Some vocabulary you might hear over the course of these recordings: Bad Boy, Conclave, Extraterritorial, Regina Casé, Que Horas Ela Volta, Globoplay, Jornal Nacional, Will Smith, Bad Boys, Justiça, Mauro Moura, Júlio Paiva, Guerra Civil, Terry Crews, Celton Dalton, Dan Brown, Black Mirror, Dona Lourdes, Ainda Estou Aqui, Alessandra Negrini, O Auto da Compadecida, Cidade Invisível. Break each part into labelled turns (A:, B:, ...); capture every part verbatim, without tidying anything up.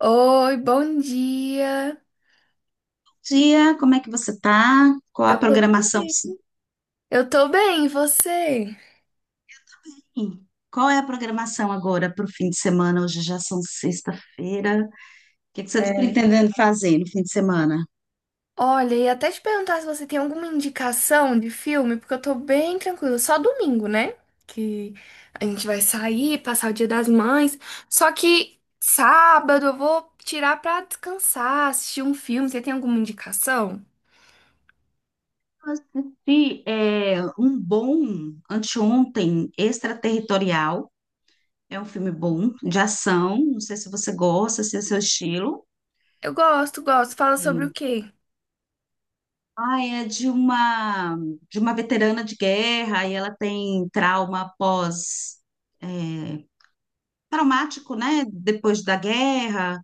A: Oi, bom dia.
B: Dia, como é que você tá? Qual a
A: Eu tô
B: programação?
A: bem.
B: Sim.
A: Eu tô bem, e você?
B: Qual é a programação agora para o fim de semana? Hoje já são sexta-feira. O que que você está
A: É.
B: pretendendo fazer no fim de semana?
A: Olha, e até te perguntar se você tem alguma indicação de filme, porque eu tô bem tranquila. Só domingo, né? Que a gente vai sair, passar o Dia das Mães. Só que sábado eu vou tirar pra descansar, assistir um filme. Você tem alguma indicação?
B: Eu assisti é, um bom anteontem, Extraterritorial. É um filme bom, de ação. Não sei se você gosta, se é seu estilo.
A: Eu gosto, gosto. Fala sobre o
B: É.
A: quê?
B: Ah, é de uma de uma veterana de guerra e ela tem trauma pós traumático, né? Depois da guerra,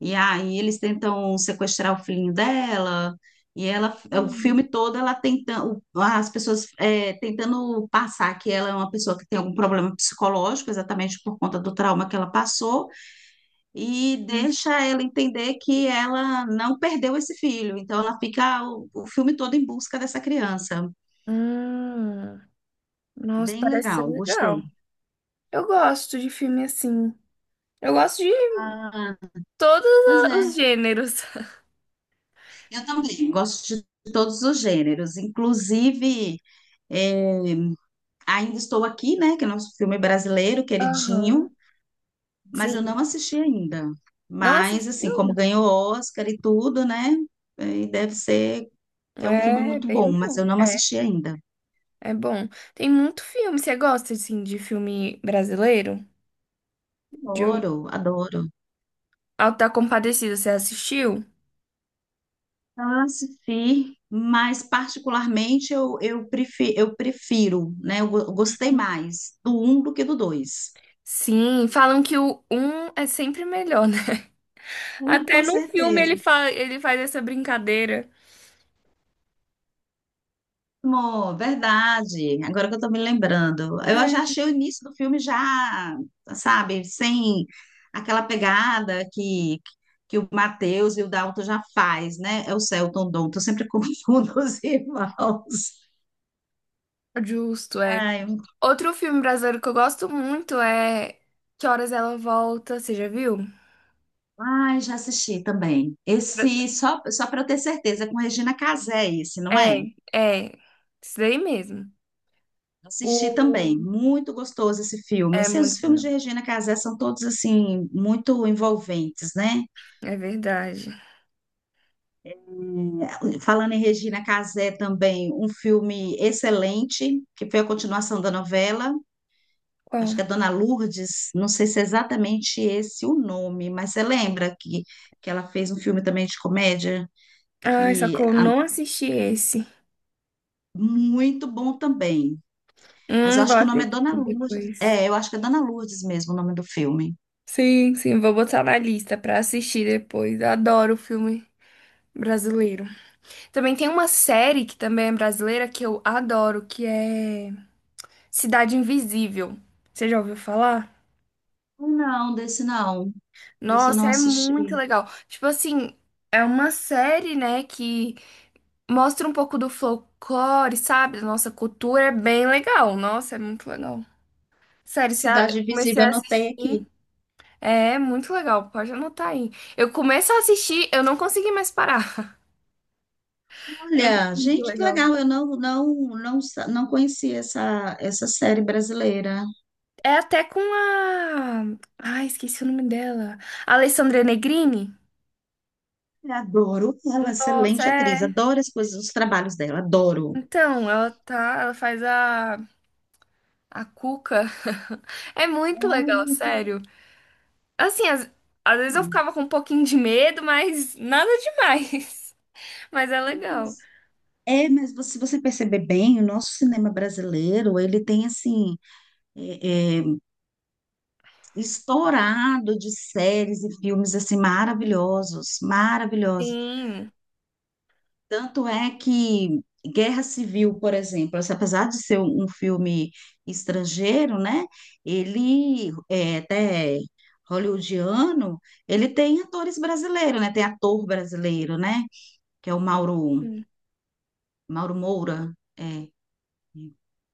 B: e aí eles tentam sequestrar o filhinho dela, e ela, é, o
A: Hum.
B: filme todo, ela tentando, as pessoas é, tentando passar que ela é uma pessoa que tem algum problema psicológico, exatamente por conta do trauma que ela passou, e deixa ela entender que ela não perdeu esse filho, então ela fica o, o filme todo em busca dessa criança.
A: Hum, nossa,
B: Bem
A: parece ser
B: legal,
A: legal.
B: gostei.
A: Eu gosto de filme assim. Eu gosto de
B: Ah,
A: todos
B: pois
A: a- os
B: é.
A: gêneros.
B: Eu também gosto de todos os gêneros, inclusive é, Ainda Estou Aqui, né? Que é nosso filme brasileiro, queridinho,
A: Aham.
B: mas eu
A: Sim.
B: não assisti ainda.
A: Não
B: Mas, assim, como
A: assistiu?
B: ganhou Oscar e tudo, né? é, E deve ser que é um filme
A: É
B: muito
A: bem
B: bom, mas eu
A: bom.
B: não
A: É,
B: assisti ainda.
A: é bom. Tem muito filme. Você gosta, assim, de filme brasileiro? De O
B: Adoro, adoro.
A: Auto da Compadecida, você assistiu?
B: Ah, assisti, mas particularmente eu, eu, prefiro, eu prefiro, né? Eu, go- eu gostei mais do um do que do dois.
A: Sim, falam que o um é sempre melhor, né?
B: Hum.
A: Até
B: Com
A: no filme ele,
B: certeza.
A: fa ele faz essa brincadeira.
B: Amor, verdade. Agora que eu tô me lembrando. Eu já
A: É,
B: achei o início do filme já, sabe, sem aquela pegada que, que o Matheus e o Dalton já faz, né? É o Celton Dalton, eu sempre confundo os irmãos.
A: justo, é.
B: Ai,
A: Outro filme brasileiro que eu gosto muito é Que Horas Ela Volta, você já viu?
B: ai, já assisti também. Esse, só, só para eu ter certeza, é com Regina Casé esse, não é?
A: É, é, isso daí mesmo.
B: Assisti também,
A: O...
B: muito gostoso esse filme.
A: É
B: Esses, os
A: muito
B: filmes
A: legal.
B: de Regina Casé são todos, assim, muito envolventes, né?
A: É verdade.
B: É, Falando em Regina Casé também, um filme excelente, que foi a continuação da novela, acho que
A: Qual?
B: é Dona Lourdes, não sei se é exatamente esse o nome, mas você lembra que, que ela fez um filme também de comédia,
A: Ai, só
B: que
A: que eu
B: ah,
A: não assisti esse.
B: muito bom também, mas eu
A: Hum,
B: acho
A: vou
B: que o nome é Dona
A: assistir
B: Lourdes,
A: depois.
B: é, eu acho que é Dona Lourdes mesmo o nome do filme.
A: Sim, sim, vou botar na lista pra assistir depois. Eu adoro filme brasileiro. Também tem uma série que também é brasileira que eu adoro, que é Cidade Invisível. Você já ouviu falar?
B: Não, desse não, desse eu
A: Nossa,
B: não
A: é muito
B: assisti.
A: legal. Tipo assim, é uma série, né, que mostra um pouco do folclore, sabe? Da nossa cultura, é bem legal. Nossa, é muito legal.
B: É
A: Sério, se a- eu
B: Cidade
A: comecei
B: Invisível,
A: a
B: anotei
A: assistir.
B: aqui.
A: É muito legal, pode anotar aí. Eu começo a assistir, eu não consegui mais parar. É
B: Olha,
A: muito
B: gente, que
A: legal.
B: legal, eu não não não sa- não conhecia essa essa série brasileira.
A: É até com a. Ai, esqueci o nome dela. Alessandra Negrini?
B: Eu adoro ela,
A: Nossa,
B: excelente atriz,
A: é.
B: adoro as coisas, os trabalhos dela, adoro.
A: Então, ela tá. Ela faz a. A Cuca. É muito legal,
B: Ai, que
A: sério. Assim, às, às vezes eu
B: legal.
A: ficava com um pouquinho de medo, mas nada demais. Mas é legal.
B: É, mas você- se você perceber bem, o nosso cinema brasileiro, ele tem, assim, é, é, estourado de séries e filmes, assim, maravilhosos, maravilhosos.
A: Sim,
B: Tanto é que Guerra Civil, por exemplo, assim, apesar de ser um um filme estrangeiro, né? Ele é até hollywoodiano, ele tem atores brasileiros, né? Tem ator brasileiro, né? Que é o Mauro, Mauro Moura. É.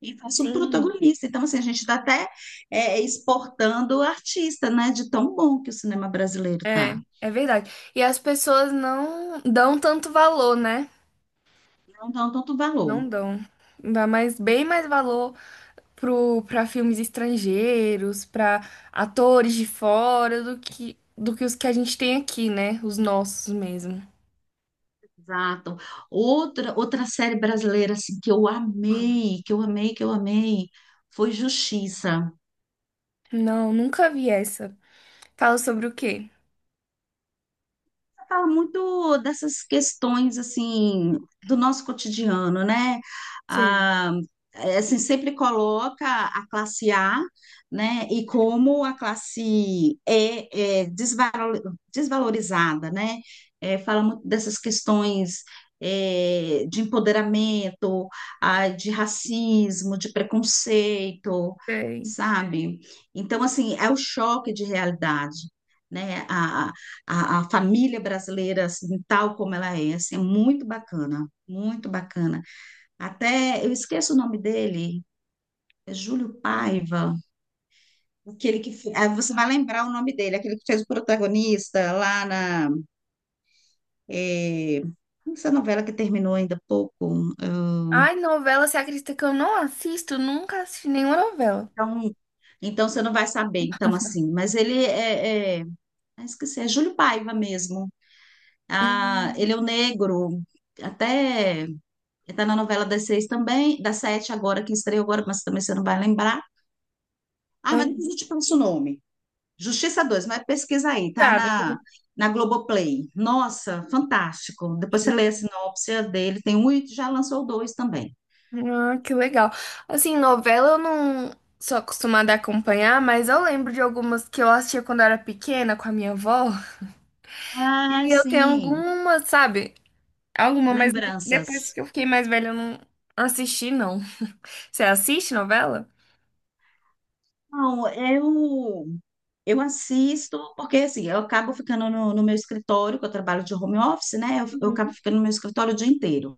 B: E faz o
A: sim.
B: protagonista. Então, assim, a gente está até é, exportando o artista, né? De tão bom que o cinema brasileiro
A: É,
B: tá.
A: é verdade. E as pessoas não dão tanto valor, né?
B: Não dá tanto valor.
A: Não dão. Dá mais, bem mais valor pro, pra filmes estrangeiros, pra atores de fora do que, do que os que a gente tem aqui, né? Os nossos mesmo.
B: Exato. Outra, outra série brasileira assim, que eu
A: Uau.
B: amei, que eu amei, que eu amei, foi Justiça.
A: Não, nunca vi essa. Fala sobre o quê?
B: Fala muito dessas questões assim do nosso cotidiano, né?
A: Sim.
B: Ah, é, assim, sempre coloca a classe A, né? E como a classe E é desvalorizada, né? É, fala muito dessas questões é, de empoderamento, ah, de racismo, de preconceito,
A: Sei.
B: sabe? Então, assim, é o choque de realidade, né? A, a, a família brasileira, assim, tal como ela é, assim, é muito bacana, muito bacana. Até, eu esqueço o nome dele, é Júlio Paiva, aquele que fe- ah, Você vai lembrar o nome dele, aquele que fez o protagonista lá na. É, essa novela que terminou ainda há pouco.
A: Ai, novela, você acredita que eu não assisto? Nunca assisti nenhuma novela.
B: Então, então você não vai saber, então, assim. Mas ele é, é, ah, esqueci, é Júlio Paiva mesmo. Ah, ele
A: Hum,
B: é o negro. Até está na novela das seis também, das sete agora, que estreou agora, mas também você não vai lembrar. Ah, mas
A: ah,
B: depois eu te passo o nome. Justiça dois, mas pesquisa aí, tá
A: tá, depois
B: na,
A: eu
B: na Globoplay. Nossa, fantástico. Depois você lê a
A: assisti.
B: sinopse dele, tem um e já lançou o dois também.
A: Ah, que legal. Assim, novela eu não sou acostumada a acompanhar, mas eu lembro de algumas que eu assistia quando eu era pequena com a minha avó.
B: Ah,
A: E eu tenho
B: sim.
A: algumas, sabe? Alguma, mas não- depois
B: Lembranças.
A: que eu fiquei mais velha, eu não assisti, não. Você assiste novela?
B: Não, eu, eu assisto, porque assim, eu acabo ficando no, no meu escritório, que eu trabalho de home office, né? Eu, eu acabo
A: Uhum.
B: ficando no meu escritório o dia inteiro.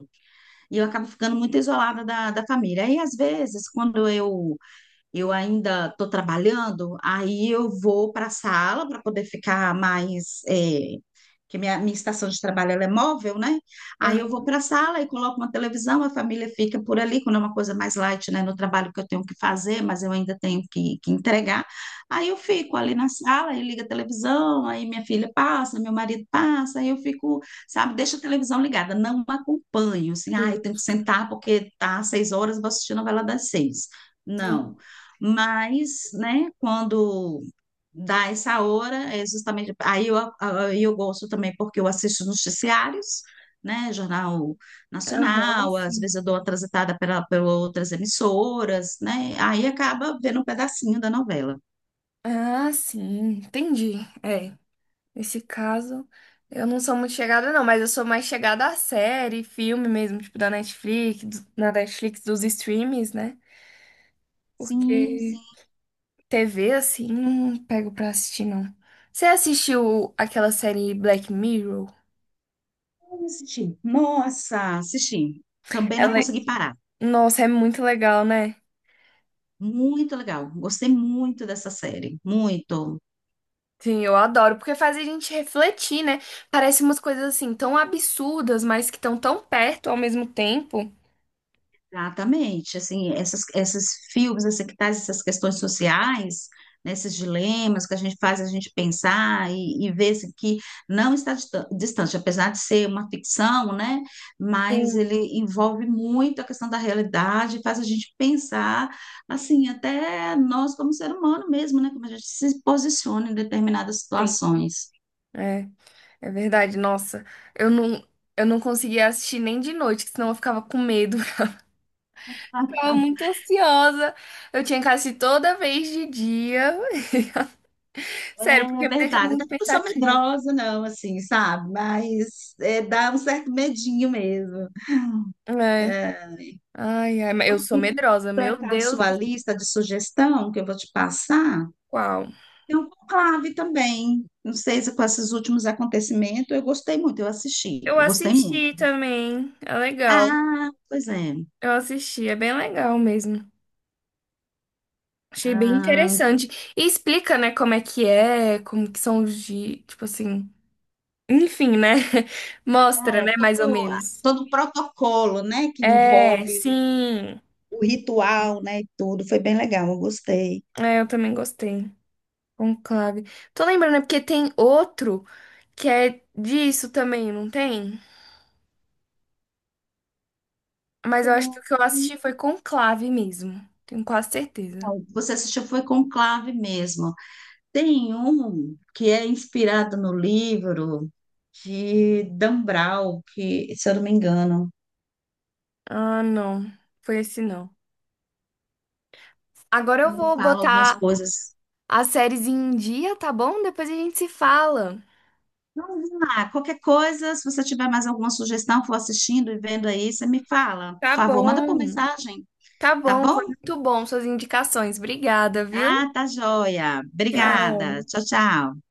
B: E eu acabo ficando muito isolada da, da família. Aí às vezes, quando eu eu ainda estou trabalhando, aí eu vou para a sala para poder ficar mais. É, que minha, minha estação de trabalho ela é móvel, né? Aí
A: Ah,
B: eu vou para a sala e coloco uma televisão, a família fica por ali, quando é uma coisa mais light, né? No trabalho que eu tenho que fazer, mas eu ainda tenho que, que entregar. Aí eu fico ali na sala e liga a televisão, aí minha filha passa, meu marido passa, aí eu fico, sabe, deixa a televisão ligada, não acompanho, assim, ah, eu tenho que
A: justo.
B: sentar porque tá às seis horas, vou assistir a novela das seis. Não,
A: Sim.
B: mas, né, quando dá essa hora, é justamente. Aí eu, aí eu gosto também porque eu assisto noticiários, né, Jornal
A: Aham,
B: Nacional, às
A: sim.
B: vezes eu dou uma transitada pela, por outras emissoras, né, aí acaba vendo um pedacinho da novela.
A: Ah, sim. Entendi. É. Nesse caso, eu não sou muito chegada, não, mas eu sou mais chegada à série, filme mesmo, tipo da Netflix, do- na Netflix dos streams, né?
B: Sim,
A: Porque
B: sim.
A: T V, assim, não pego pra assistir, não. Você assistiu aquela série Black Mirror?
B: Eu assisti. Nossa, assisti. Também não
A: Ela,
B: consegui parar.
A: nossa, é muito legal, né?
B: Muito legal. Gostei muito dessa série. Muito.
A: Sim, eu adoro, porque faz a gente refletir, né? Parece umas coisas assim tão absurdas, mas que estão tão perto ao mesmo tempo.
B: Exatamente, assim, essas, esses filmes, assim, que traz essas questões sociais, né, esses dilemas que a gente faz a gente pensar e, e ver assim, que não está distan- distante, apesar de ser uma ficção, né, mas
A: Sim,
B: ele envolve muito a questão da realidade, faz a gente pensar, assim, até nós como ser humano mesmo, né, como a gente se posiciona em determinadas
A: sim.
B: situações.
A: é É verdade, nossa. Eu não, eu não conseguia assistir nem de noite, que senão eu ficava com medo. Ficava muito ansiosa. Eu tinha que assistir toda vez de dia. Sério,
B: É
A: porque me deixa
B: verdade,
A: muito
B: eu não sou
A: pensativa.
B: medrosa, não, assim, sabe? Mas é, dá um certo medinho mesmo.
A: É.
B: É,
A: Ai, ai, mas eu sou
B: E
A: medrosa, meu
B: completar a
A: Deus
B: sua
A: do
B: lista de sugestão que eu vou te passar,
A: céu.
B: tem um conclave também. Não sei se com esses últimos acontecimentos, eu gostei muito, eu assisti,
A: Eu
B: eu gostei muito.
A: assisti também, é legal.
B: Ah, pois é.
A: Eu assisti, é bem legal mesmo. Achei bem
B: Ah,
A: interessante. E explica, né, como é que é, como que são os dias, tipo assim. Enfim, né? Mostra,
B: é
A: né, mais ou
B: todo,
A: menos.
B: todo o protocolo, né, que
A: É,
B: envolve
A: sim.
B: o ritual, né, e tudo, foi bem legal, eu gostei.
A: É, eu também gostei. Conclave. Tô lembrando, é porque tem outro que é disso também, não tem? Mas eu acho que o que eu
B: Sim.
A: assisti foi Conclave mesmo. Tenho quase certeza.
B: Você assistiu, foi conclave mesmo. Tem um que é inspirado no livro de Dan Brown, que, se eu não me engano,
A: Ah, não. Foi esse não. Agora eu
B: Me
A: vou
B: fala algumas
A: botar
B: coisas.
A: as séries em dia, tá bom? Depois a gente se fala.
B: Então, vamos lá, qualquer coisa, se você tiver mais alguma sugestão, for assistindo e vendo aí, você me fala. Por
A: Tá
B: favor, manda por
A: bom.
B: mensagem,
A: Tá
B: tá
A: bom. Foi
B: bom?
A: Muito bom suas indicações. Obrigada, viu?
B: Ah, tá joia. Obrigada.
A: Tchau.
B: Tchau, tchau.